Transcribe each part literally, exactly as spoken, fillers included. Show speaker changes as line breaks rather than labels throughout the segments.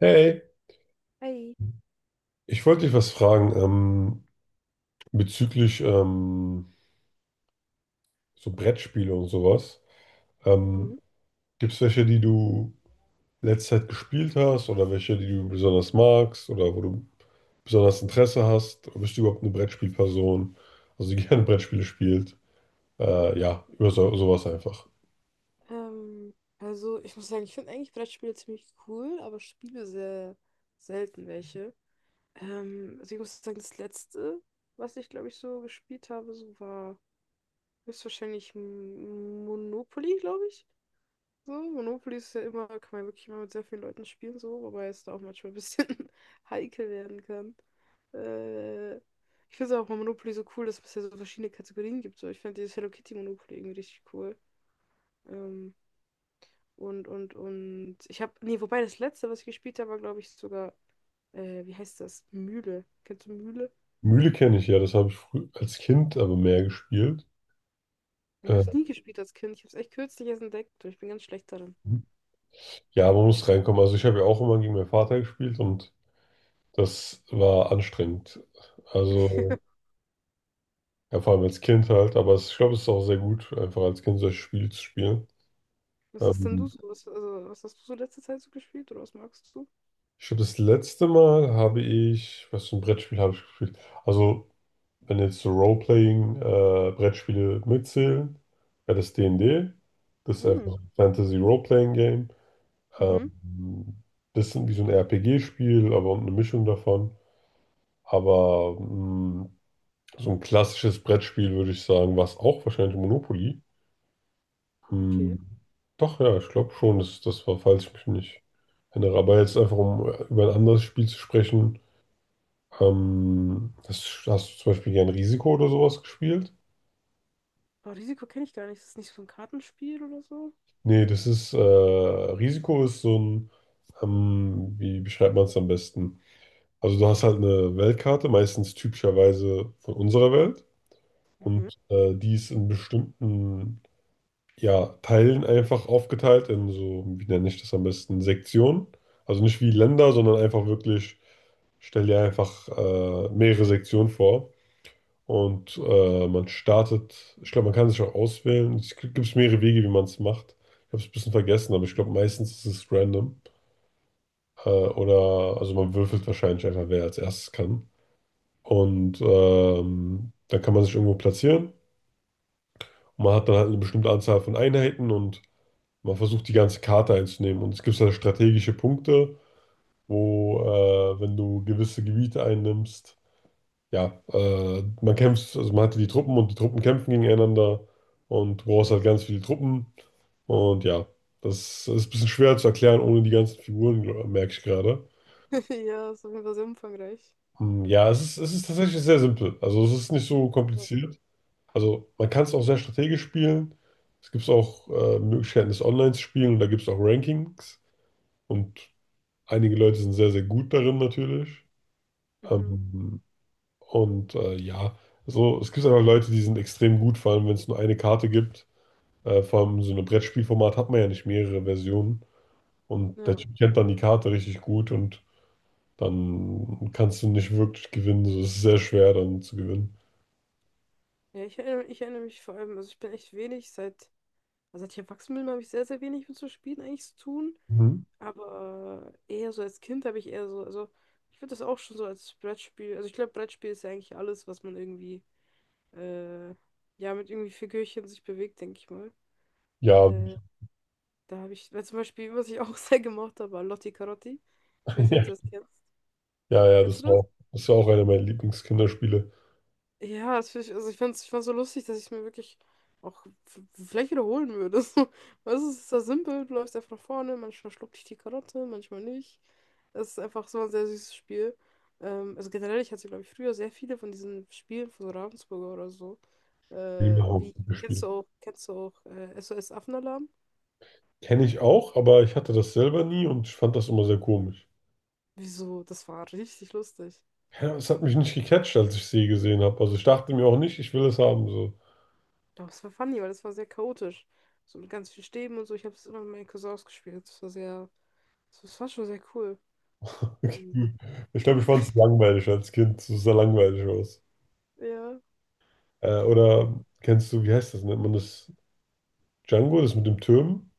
Hey,
Hi.
ich wollte dich was fragen, ähm, bezüglich, ähm, so Brettspiele und sowas. Ähm,
Mhm.
gibt es welche, die du letzte Zeit gespielt hast, oder welche, die du besonders magst, oder wo du besonders Interesse hast? Bist du überhaupt eine Brettspielperson, also die gerne Brettspiele spielt? Äh, ja, über so, sowas einfach.
Ähm, also ich muss sagen, ich finde eigentlich Brettspiele ziemlich cool, aber spiele sehr selten welche. Ähm, also ich muss sagen, das letzte, was ich glaube ich so gespielt habe, so war höchstwahrscheinlich M- Monopoly, glaube ich. So, Monopoly ist ja immer, kann man ja wirklich immer mit sehr vielen Leuten spielen, so, wobei es da auch manchmal ein bisschen heikel werden kann. Äh, Ich finde es auch bei Monopoly so cool, dass es ja so verschiedene Kategorien gibt. So, ich finde dieses Hello Kitty Monopoly irgendwie richtig cool. Ähm, Und, und, und. Ich habe. Nee, wobei das letzte, was ich gespielt habe, war, glaube ich, sogar. Äh, wie heißt das? Mühle. Kennst du Mühle?
Mühle kenne ich ja, das habe ich früh als Kind aber mehr gespielt.
Ich habe
Äh,
es nie gespielt als Kind. Ich habe es echt kürzlich erst entdeckt und ich bin ganz schlecht darin.
ja, man muss reinkommen. Also ich habe ja auch immer gegen meinen Vater gespielt, und das war anstrengend. Also, ja, vor allem als Kind halt, aber es, ich glaube, es ist auch sehr gut, einfach als Kind solche Spiele zu spielen.
Was hast denn du
Ähm,
so? Was, also, was hast du so letzte Zeit so gespielt oder was magst du?
ich glaube, das letzte Mal habe ich, was für ein Brettspiel habe ich gespielt? Also, wenn jetzt so Role-Playing-Brettspiele mitzählen, wäre das D and D. Das ist
Hm.
einfach ein Fantasy-Role-Playing-Game. Ähm,
Mhm.
bisschen wie so ein R P G-Spiel, aber eine Mischung davon. Aber mh, so ein klassisches Brettspiel, würde ich sagen, war es auch wahrscheinlich Monopoly.
Okay.
Hm. Doch, ja, ich glaube schon, dass das war, falls ich mich nicht erinnere. Aber jetzt einfach, um über ein anderes Spiel zu sprechen. Ähm, das, hast du zum Beispiel gern Risiko oder sowas gespielt?
Aber Risiko kenne ich gar nicht. Ist das nicht so ein Kartenspiel oder so?
Nee, das ist, äh, Risiko ist so ein, ähm, wie beschreibt man es am besten? Also du hast halt eine Weltkarte, meistens typischerweise von unserer Welt.
Mhm.
Und äh, die ist in bestimmten, ja, Teilen einfach aufgeteilt in so, wie nenne ich das am besten, Sektionen. Also nicht wie Länder, sondern einfach wirklich, stell dir einfach äh, mehrere Sektionen vor. Und äh, man startet, ich glaube, man kann sich auch auswählen. Es gibt mehrere Wege, wie man es macht. Ich habe es ein bisschen vergessen, aber ich glaube, meistens ist es random. Äh, oder, also man würfelt wahrscheinlich einfach, wer als erstes kann. Und ähm, dann kann man sich irgendwo platzieren. Und man hat dann halt eine bestimmte Anzahl von Einheiten, und man versucht die ganze Karte einzunehmen. Und es gibt halt strategische Punkte, wo, äh, wenn du gewisse Gebiete einnimmst, ja, äh, man kämpft, also man hat die Truppen und die Truppen kämpfen gegeneinander, und du brauchst halt ganz viele Truppen. Und ja, das ist ein bisschen schwer zu erklären ohne die ganzen Figuren, gl- merke ich gerade.
Ja, ist auf jeden Fall sehr umfangreich.
Hm. Ja, es ist, es ist tatsächlich sehr simpel. Also es ist nicht so
Ja.
kompliziert. Also man kann es auch sehr strategisch spielen. Es gibt auch äh, Möglichkeiten, es online zu spielen, und da gibt es auch Rankings. Und einige Leute sind sehr, sehr gut darin natürlich.
Mhm.
Ähm, und äh, ja, so, es gibt einfach Leute, die sind extrem gut, vor allem wenn es nur eine Karte gibt. Äh, vor allem so ein Brettspielformat hat man ja nicht mehrere Versionen. Und der
Ja.
Typ kennt dann die Karte richtig gut, und dann kannst du nicht wirklich gewinnen. So, es ist sehr schwer dann zu gewinnen.
Ja, ich erinnere, ich erinnere mich vor allem, also ich bin echt wenig seit. Also als ich erwachsen bin, habe ich sehr, sehr wenig mit so Spielen eigentlich zu tun.
Mhm.
Aber eher so als Kind habe ich eher so, also ich finde das auch schon so als Brettspiel, also ich glaube, Brettspiel ist ja eigentlich alles, was man irgendwie, äh, ja, mit irgendwie Figürchen sich bewegt, denke ich mal.
Ja,
Äh, Da habe ich, weil zum Beispiel, was ich auch sehr gemocht habe, war Lotti Carotti. Ich weiß nicht,
ja,
ob du das kennst.
ja,
Kennst du
das war,
das?
auch- das war auch einer meiner Lieblingskinderspiele.
Ja, das find ich, also ich fand's, ich fand's so lustig, dass ich es mir wirklich auch f- vielleicht wiederholen würde. So, weißt du, es ist so simpel, du läufst einfach nach vorne, manchmal schluckt dich die Karotte, manchmal nicht. Es ist einfach so ein sehr süßes Spiel. Ähm, also generell, ich hatte, glaube ich, früher sehr viele von diesen Spielen von so Ravensburger oder so. Äh,
Prima.
Wie, kennst du auch, kennst du auch äh, S O S Affenalarm?
Kenne ich auch, aber ich hatte das selber nie, und ich fand das immer sehr komisch.
Wieso? Das war richtig lustig.
Ja, es hat mich nicht gecatcht, als ich sie gesehen habe. Also ich dachte mir auch nicht, ich will es haben. So.
Doch, es war funny, weil es war sehr chaotisch. So mit ganz vielen Stäben und so. Ich habe es immer mit meinen Cousins gespielt. Das war sehr, das war schon sehr cool.
Okay.
Mhm.
Ich glaube, ich fand es langweilig als Kind. Es sah langweilig aus.
Ja.
Äh, oder kennst du, wie heißt das? Nennt man das Django, das mit dem Türm?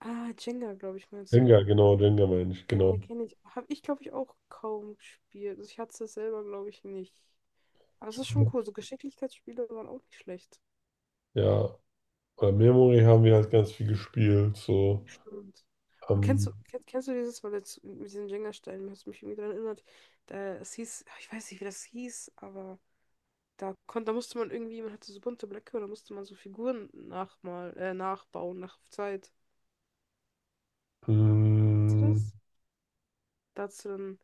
Ah, Jenga, glaube ich, meinst du.
Jenga, genau, Jenga meine ich,
Ja,
genau.
ja, kenne ich. Habe ich, glaube ich, auch kaum gespielt. Also ich hatte es selber, glaube ich, nicht. Aber es ist schon cool. So Geschicklichkeitsspiele waren auch nicht schlecht.
Ja, oder Memory haben wir halt ganz viel gespielt. So.
Stimmt. Und kennst
Ähm,
du, kennst, kennst du dieses, weil jetzt mit diesen Jenga-Steinen, hast du mich irgendwie daran erinnert, da, es hieß, ich weiß nicht, wie das hieß, aber da konnte, da musste man irgendwie, man hatte so bunte Blöcke und da musste man so Figuren nachmal, äh, nachbauen, nach Zeit. Kennst du
mh,
das? Da hast du dann,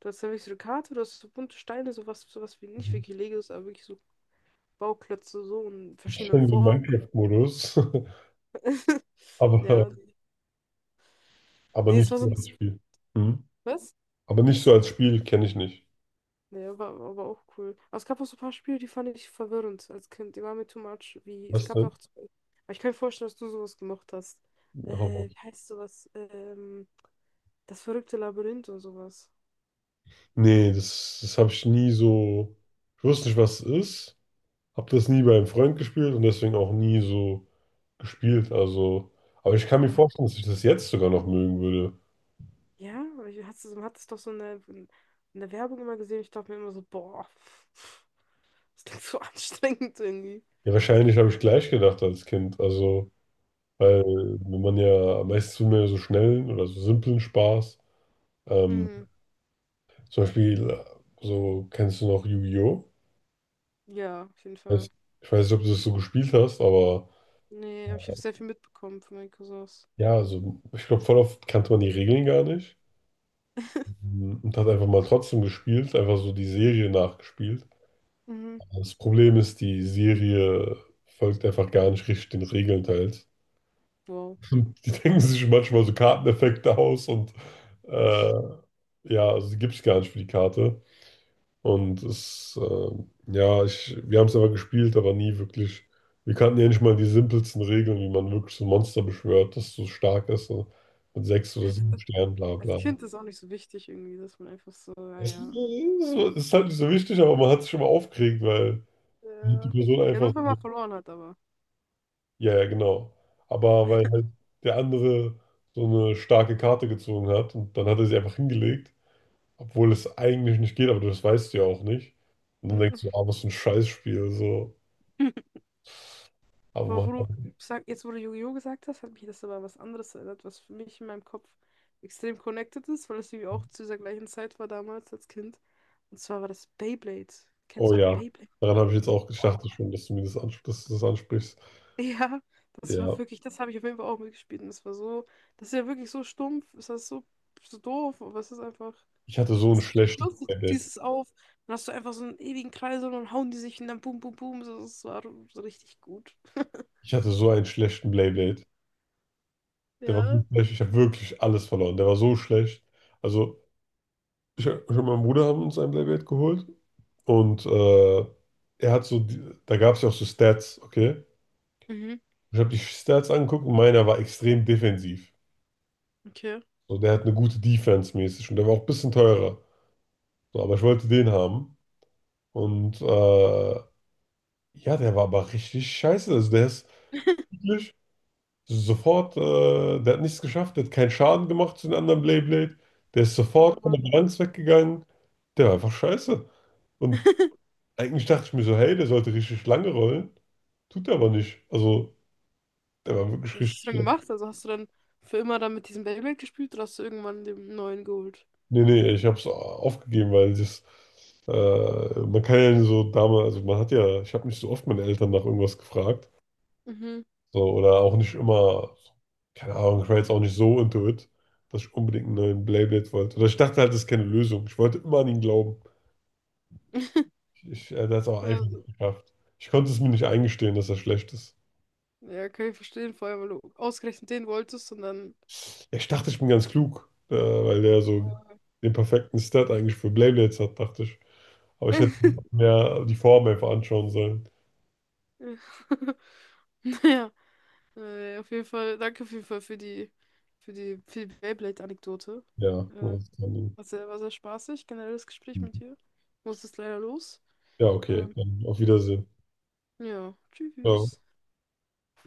du hast dann wirklich so eine Karte, du hast so bunte Steine, sowas, sowas wie nicht wirklich Legos, aber wirklich so Bauklötze so in
ich
verschiedenen
kenne den
Formen.
Minecraft-Modus, aber,
Ja.
aber
Nee, es
nicht
war so
so
ein.
als Spiel. Hm?
Was?
Aber nicht so als Spiel kenne ich nicht.
Nee, war, war aber auch cool. Aber es gab auch so ein paar Spiele, die fand ich verwirrend als Kind. Die waren mir too much. Wie, es
Was
gab
denn?
auch. zwei- Aber ich kann mir vorstellen, dass du sowas gemacht hast.
Hau.
Äh, wie heißt sowas? Ähm, Das verrückte Labyrinth und sowas.
Nee, das, das habe ich nie so. Ich wusste nicht, was es ist. Habe das nie bei einem Freund gespielt, und deswegen auch nie so gespielt. Also, aber ich kann mir
Aber,
vorstellen, dass ich das jetzt sogar noch mögen würde.
ja, aber ich hatte, man hat es doch so in der, in der Werbung immer gesehen. Ich dachte mir immer so, boah. Das klingt so anstrengend irgendwie.
Ja, wahrscheinlich habe ich gleich gedacht als Kind. Also, weil wenn man ja, meistens will man ja so schnellen oder so simplen Spaß. Ähm,
Mhm.
zum Beispiel, äh, so, kennst du noch Yu-Gi-Oh?
Ja, auf jeden Fall.
Weiß- Ich weiß nicht, ob du das so gespielt hast, aber
Nee, aber ich habe sehr viel mitbekommen von meinen Cousins.
ja, also ich glaube, voll oft kannte man die Regeln gar nicht. Und hat einfach mal trotzdem gespielt, einfach so die Serie nachgespielt.
Mhm.
Das Problem ist, die Serie folgt einfach gar nicht richtig den Regeln teils.
Wow.
Und die denken sich manchmal so Karteneffekte aus, und äh, ja, also die gibt es gar nicht für die Karte. Und es, äh, ja, ich, wir haben es aber gespielt, aber nie wirklich. Wir kannten ja nicht mal die simpelsten Regeln, wie man wirklich so ein Monster beschwört, das so stark ist, so mit sechs oder
Als,
sieben Sternen, bla
als
bla.
Kind ist auch nicht so wichtig irgendwie, dass man einfach so,
Es ist,
naja.
so, es ist halt nicht so wichtig, aber man hat sich schon mal aufgeregt, weil die
Ja.
Person
Ja,
einfach
nur wenn
so,
man verloren hat, aber.
ja, ja, genau. Aber weil
Mhm.
halt der andere so eine starke Karte gezogen hat und dann hat er sie einfach hingelegt, obwohl es eigentlich nicht geht, aber das weißt du ja auch nicht. Und dann denkst du, ah, was für ein Scheißspiel, so. Aber
Aber
man
wo
hat,
du, sag, jetzt wo du Yu-Gi-Oh! Gesagt hast, hat mich das aber an was anderes erinnert, was für mich in meinem Kopf extrem connected ist, weil es irgendwie auch zu dieser gleichen Zeit war damals als Kind. Und zwar war das Beyblade.
oh
Kennst du doch
ja,
Beyblade?
daran habe ich jetzt auch gedacht, ich schon, dass du mir das, ansp dass du das ansprichst.
Ja, das war
Ja,
wirklich, das habe ich auf jeden Fall auch mitgespielt. Und das war so, das ist ja wirklich so stumpf, ist das so, so doof, aber es ist einfach,
ich hatte so ein
es ist richtig
schlechtes
lustig, du
Playdate.
ziehst es auf, dann hast du einfach so einen ewigen Kreis und dann hauen die sich und dann boom, boom, boom, so, das war so richtig gut.
Ich hatte so einen schlechten Playdate. Der war so
Ja.
schlecht, ich habe wirklich alles verloren. Der war so schlecht. Also, ich, ich und mein Bruder haben uns ein Blackberry geholt, und äh, er hat so, die, da gab es ja auch so Stats, okay?
Mhm,
Ich habe die Stats angeguckt, und meiner war extrem defensiv.
okay.
So, der hat eine gute Defense mäßig, und der war auch ein bisschen teurer. So, aber ich wollte den haben, und äh, ja, der war aber richtig scheiße. Also, der ist wirklich sofort, äh, der hat nichts geschafft, der hat keinen Schaden gemacht zu den anderen Blade. Blade Der ist
Oh
sofort von der
Mann.
Balance weggegangen. Der war einfach scheiße. Und eigentlich dachte ich mir so, hey, der sollte richtig lange rollen. Tut er aber nicht. Also, der war wirklich
Was hast
richtig
du dann
schlecht.
gemacht? Also hast du dann für immer dann mit diesem Beyblade gespielt oder hast du irgendwann den neuen geholt?
Nee, nee, ich habe es aufgegeben, weil das, äh, man kann ja so damals, also man hat ja, ich habe nicht so oft meine Eltern nach irgendwas gefragt.
Mhm.
So, oder auch nicht immer, keine Ahnung, ich war jetzt auch nicht so into it, dass ich unbedingt einen neuen Beyblade wollte. Oder ich dachte halt, das ist keine Lösung. Ich wollte immer an ihn glauben. Ich, er hat es auch einfach nicht
Also,
geschafft. Ich konnte es mir nicht eingestehen, dass er schlecht ist.
ja, kann ich verstehen, vor allem, weil du ausgerechnet den wolltest und dann.
Ja, ich dachte, ich bin ganz klug, äh, weil der so
Ja.
den perfekten Stat eigentlich für Beyblades hat, dachte ich. Aber ich hätte mehr die Form einfach anschauen sollen.
Ja. Naja, äh, auf jeden Fall, danke auf jeden Fall für die, für die, für die Beyblade-Anekdote.
Ja,
Äh,
das kann ich.
War sehr, war sehr spaßig, generelles Gespräch mit dir. Ich muss jetzt leider los.
Ja, okay,
Ähm,
dann auf Wiedersehen.
ja,
Ciao.
tschüss.